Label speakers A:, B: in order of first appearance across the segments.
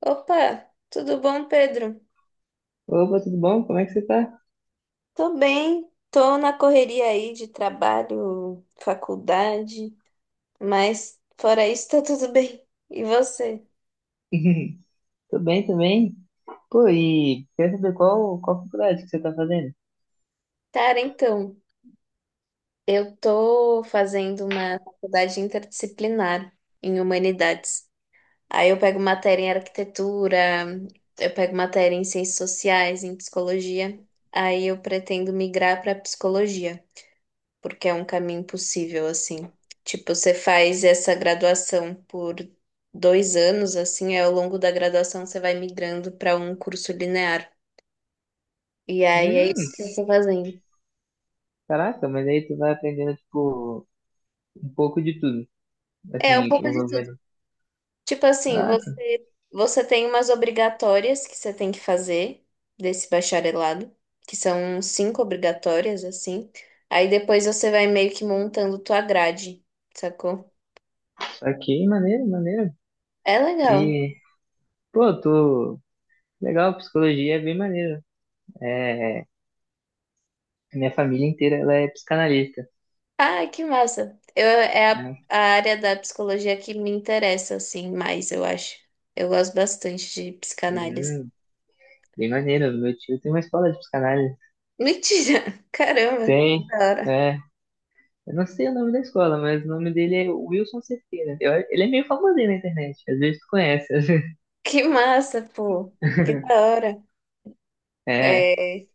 A: Opa, tudo bom, Pedro?
B: Opa, tudo bom? Como é que você tá?
A: Tô bem, tô na correria aí de trabalho, faculdade, mas fora isso tá tudo bem. E você?
B: Tô bem também. Pô, e quer saber qual faculdade que você tá fazendo?
A: Cara, então, eu tô fazendo uma faculdade interdisciplinar em humanidades. Aí eu pego matéria em arquitetura, eu pego matéria em ciências sociais, em psicologia. Aí eu pretendo migrar para psicologia, porque é um caminho possível, assim. Tipo, você faz essa graduação por 2 anos, assim, aí ao longo da graduação você vai migrando para um curso linear. E aí é
B: Hum,
A: isso que eu tô fazendo.
B: caraca, mas aí tu vai aprendendo, tipo, um pouco de tudo.
A: É um
B: Assim,
A: pouco
B: o
A: de tudo.
B: governo.
A: Tipo assim,
B: Caraca,
A: você tem umas obrigatórias que você tem que fazer desse bacharelado, que são cinco obrigatórias, assim. Aí depois você vai meio que montando tua grade, sacou?
B: aqui, maneiro.
A: É legal.
B: E, pô, tô... Legal, psicologia é bem maneiro. É, minha família inteira, ela é psicanalista,
A: Ah, que massa. Eu, é a,
B: né?
A: a área da psicologia que me interessa, assim, mais, eu acho. Eu gosto bastante de psicanálise.
B: Hum, bem maneiro. Meu tio tem uma escola de psicanálise.
A: Mentira! Caramba,
B: Tem,
A: que da hora.
B: né? Eu não sei o nome da escola, mas o nome dele é Wilson Cerqueira. Eu- ele é meio famosinho na internet. Às vezes tu conhece. Às vezes-
A: Que massa, pô. Que da hora.
B: É,
A: É,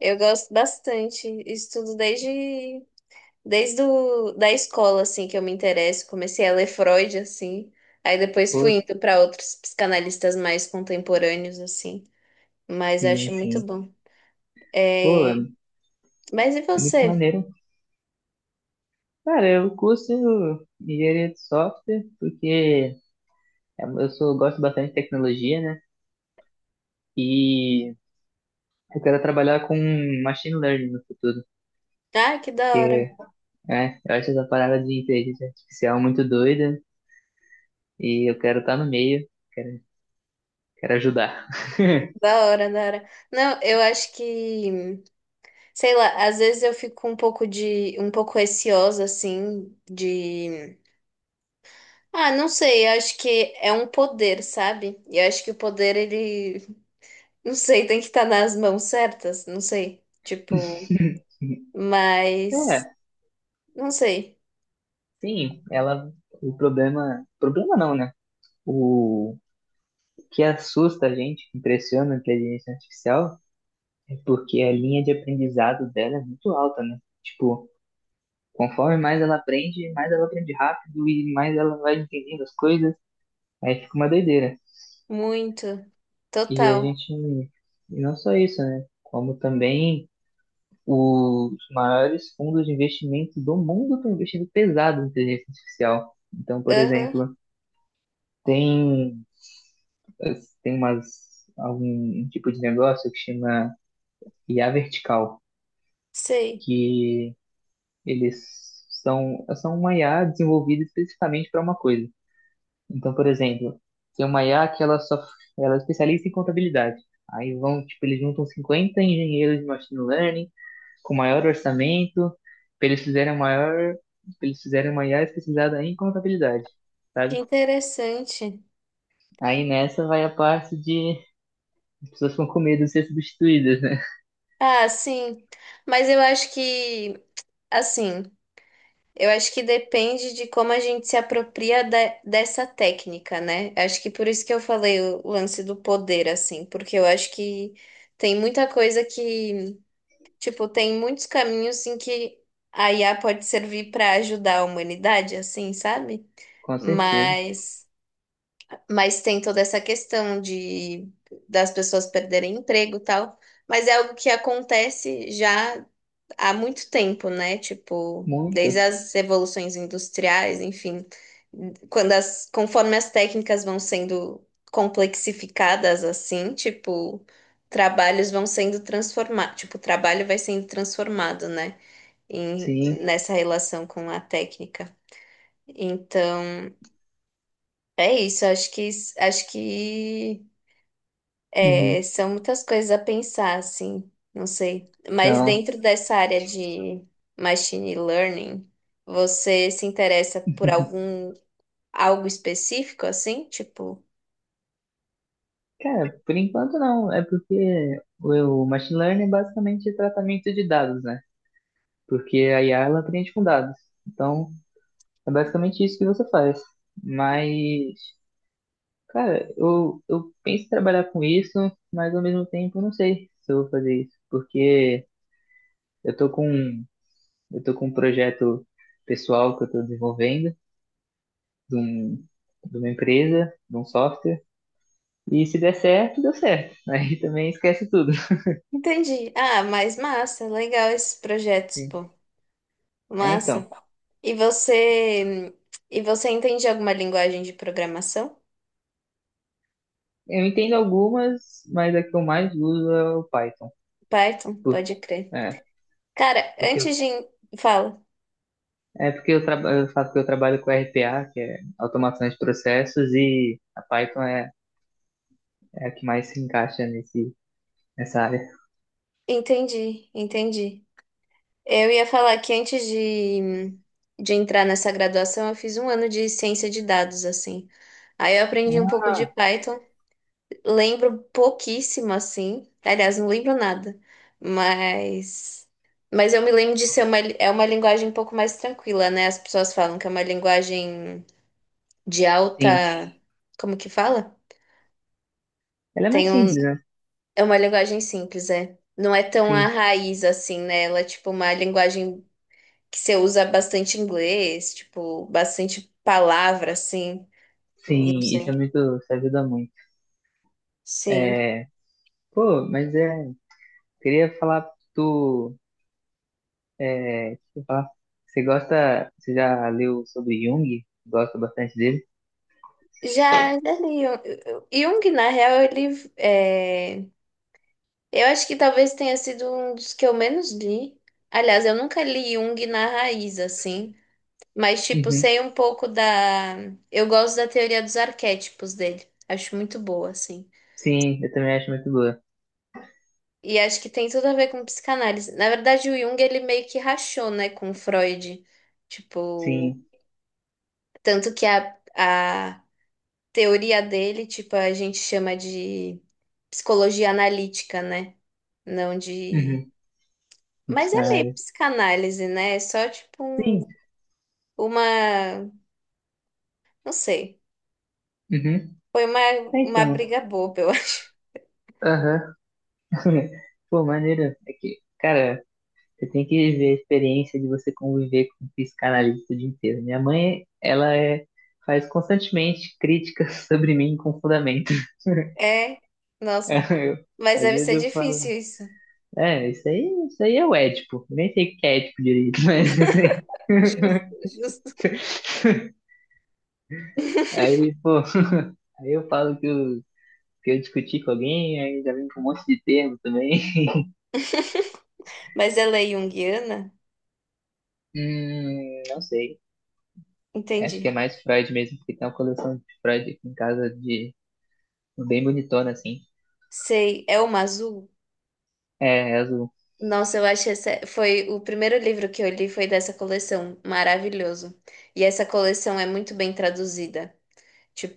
A: eu gosto bastante. Estudo desde da escola, assim, que eu me interesso. Comecei a ler Freud, assim. Aí depois
B: pô,
A: fui indo para outros psicanalistas mais contemporâneos, assim. Mas eu
B: sim,
A: acho muito
B: sim.
A: bom.
B: Pô,
A: É,
B: é
A: mas e
B: muito
A: você?
B: maneiro. Cara, eu curso engenharia de software porque é, eu sou, gosto bastante de tecnologia, né? E eu quero trabalhar com machine learning no futuro.
A: Ah, que da hora.
B: Porque, é, eu acho essa parada de inteligência artificial muito doida e eu quero estar no meio, quero, quero ajudar.
A: Da hora, da hora. Não, eu acho que, sei lá, às vezes eu fico um pouco receosa, assim, de, ah, não sei, eu acho que é um poder, sabe? E eu acho que o poder, ele, não sei, tem que estar nas mãos certas, não sei, tipo, mas,
B: É.
A: não sei,
B: Sim, ela. O problema. Problema não, né? O que assusta a gente, que impressiona a inteligência artificial, é porque a linha de aprendizado dela é muito alta, né? Tipo, conforme mais ela aprende rápido e mais ela vai entendendo as coisas, aí fica uma doideira.
A: muito,
B: E a
A: total,
B: gente. E não só isso, né? Como também os maiores fundos de investimento do mundo estão investindo pesado em inteligência artificial. Então, por
A: aham,
B: exemplo, tem tem umas, algum tipo de negócio que chama IA vertical,
A: sei,
B: que eles são, são uma IA desenvolvida especificamente para uma coisa. Então, por exemplo, tem uma IA que ela só ela é especialista em contabilidade. Aí vão, tipo, eles juntam 50 engenheiros de machine learning com maior orçamento, pra eles fizerem a maior, pra eles fizerem uma IA especializada em contabilidade,
A: que
B: sabe?
A: interessante.
B: Aí nessa vai a parte de as pessoas ficam com medo de ser substituídas, né?
A: Ah, sim, mas eu acho que, assim... Eu acho que depende de como a gente se apropria dessa técnica, né? Acho que por isso que eu falei o lance do poder, assim, porque eu acho que tem muita coisa que, tipo, tem muitos caminhos em que a IA pode servir para ajudar a humanidade, assim, sabe?
B: Com certeza.
A: Mas, mas tem toda essa questão de das pessoas perderem emprego e tal. Mas é algo que acontece já há muito tempo, né? Tipo,
B: Muito,
A: desde as revoluções industriais, enfim, conforme as técnicas vão sendo complexificadas assim, tipo, trabalhos vão sendo transformados, tipo, o trabalho vai sendo transformado, né? Em,
B: sim.
A: nessa relação com a técnica. Então, é isso, acho que é,
B: Uhum.
A: são muitas coisas a pensar, assim, não sei. Mas
B: Então,
A: dentro dessa área de machine learning, você se interessa por algum algo específico, assim? Tipo,
B: cara, por enquanto não. É porque o machine learning é basicamente tratamento de dados, né? Porque a IA ela aprende com dados. Então, é basicamente isso que você faz. Mas, cara, eu penso em trabalhar com isso, mas ao mesmo tempo eu não sei se eu vou fazer isso. Porque eu tô com, eu tô com um projeto pessoal que eu tô desenvolvendo, de um, de uma empresa, de um software. E se der certo, deu certo. Aí também esquece tudo.
A: entendi. Ah, mas massa, legal esses projetos,
B: Sim.
A: pô.
B: É,
A: Massa.
B: então,
A: E você, e você entende alguma linguagem de programação?
B: eu entendo algumas, mas a que eu mais uso é o Python.
A: Python,
B: Por-
A: pode crer.
B: É,
A: Cara,
B: porque, eu-
A: Fala.
B: é porque eu, traba- eu falo que eu trabalho com RPA, que é automação de processos, e a Python é, é a que mais se encaixa nesse, nessa área.
A: Entendi, entendi. Eu ia falar que antes de entrar nessa graduação, eu fiz um ano de ciência de dados, assim. Aí eu aprendi um pouco
B: Ah,
A: de Python, lembro pouquíssimo, assim. Aliás, não lembro nada, mas. Mas eu me lembro de ser é uma linguagem um pouco mais tranquila, né? As pessoas falam que é uma linguagem de
B: sim,
A: alta. Como que fala?
B: ela é mais
A: Tem um,
B: simples, né?
A: é uma linguagem simples, é. Não é tão a
B: Sim,
A: raiz assim, né? Ela é tipo uma linguagem que você usa bastante inglês, tipo, bastante palavra, assim. Eu Não
B: sim, isso é
A: sei.
B: muito, isso ajuda muito.
A: Sim.
B: É, pô, mas é, queria falar do É, deixa eu falar. Você gosta, você já leu sobre Jung? Gosta bastante dele?
A: Já, já li. Jung, na real, ele. Eu acho que talvez tenha sido um dos que eu menos li. Aliás, eu nunca li Jung na raiz, assim. Mas, tipo,
B: Uhum.
A: sei um pouco da. Eu gosto da teoria dos arquétipos dele. Acho muito boa, assim.
B: Sim, eu também acho muito boa.
A: E acho que tem tudo a ver com psicanálise. Na verdade, o Jung, ele meio que rachou, né, com Freud. Tipo.
B: Sim.
A: Tanto que a teoria dele, tipo, a gente chama de psicologia analítica, né? Não de.
B: Uhum. De
A: Mas é meio
B: psicanálise.
A: psicanálise, né? É só tipo
B: Sim.
A: uma. Não sei.
B: Uhum.
A: Foi uma,
B: É,
A: uma
B: então.
A: briga boba, eu acho.
B: Aham. Pô, maneiro. É que, cara, você tem que viver a experiência de você conviver com um psicanalista o dia inteiro. Minha mãe, ela é, faz constantemente críticas sobre mim com fundamento.
A: É. Nossa.
B: Eu-
A: Mas
B: às
A: deve
B: vezes
A: ser
B: eu
A: difícil
B: falo.
A: isso.
B: É, isso aí é o Édipo. Nem sei o que é Édipo direito, mas isso aí.
A: Justo, justo.
B: Aí, pô, aí eu falo que eu discuti com alguém, aí já vem com um monte de termo também.
A: Mas ela é junguiana?
B: Não sei. Acho que
A: Entendi.
B: é mais Freud mesmo, porque tem uma coleção de Freud aqui em casa de bem bonitona, assim.
A: Sei. É uma azul?
B: É, é azul.
A: Nossa, eu acho essa foi o primeiro livro que eu li foi dessa coleção, maravilhoso. E essa coleção é muito bem traduzida.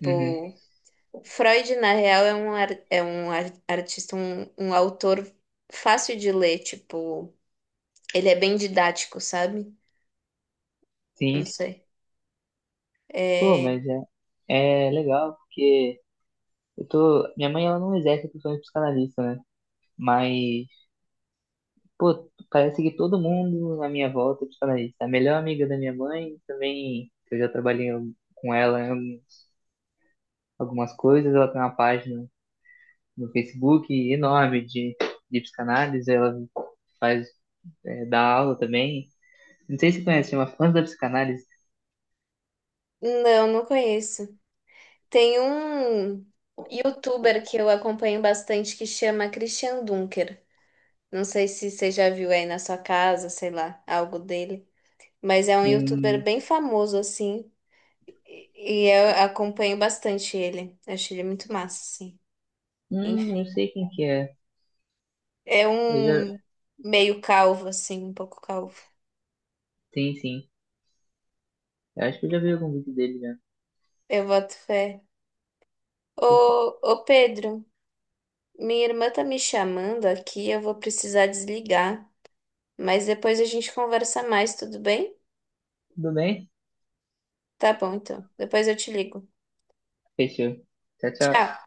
B: Uhum,
A: Freud, na real, é um artista, um autor fácil de ler, tipo, ele é bem didático, sabe? Não
B: sim.
A: sei.
B: Pô,
A: É,
B: mas é, é legal, porque eu tô. Minha mãe ela não exerce a função de psicanalista, né? Mas pô, parece que todo mundo à minha volta te fala isso. A melhor amiga da minha mãe também, que eu já trabalhei com ela em alguns- algumas coisas, ela tem uma página no Facebook enorme de psicanálise, ela faz, é, dá aula também. Não sei se você conhece, chama Fãs da Psicanálise.
A: não, não conheço. Tem um youtuber que eu acompanho bastante que chama Christian Dunker. Não sei se você já viu aí na sua casa, sei lá, algo dele. Mas é um youtuber
B: Hum,
A: bem famoso, assim. E e eu acompanho bastante ele. Acho ele muito massa, assim.
B: eu
A: Enfim.
B: sei quem que é.
A: É
B: Eu já,
A: um meio calvo, assim, um pouco calvo.
B: sim. Eu acho que eu já vi algum vídeo dele já.
A: Eu boto fé. Ô, ô Pedro, minha irmã tá me chamando aqui, eu vou precisar desligar. Mas depois a gente conversa mais, tudo bem?
B: Tudo bem?
A: Tá bom, então. Depois eu te ligo.
B: Fechou. Tchau, tchau.
A: Tchau.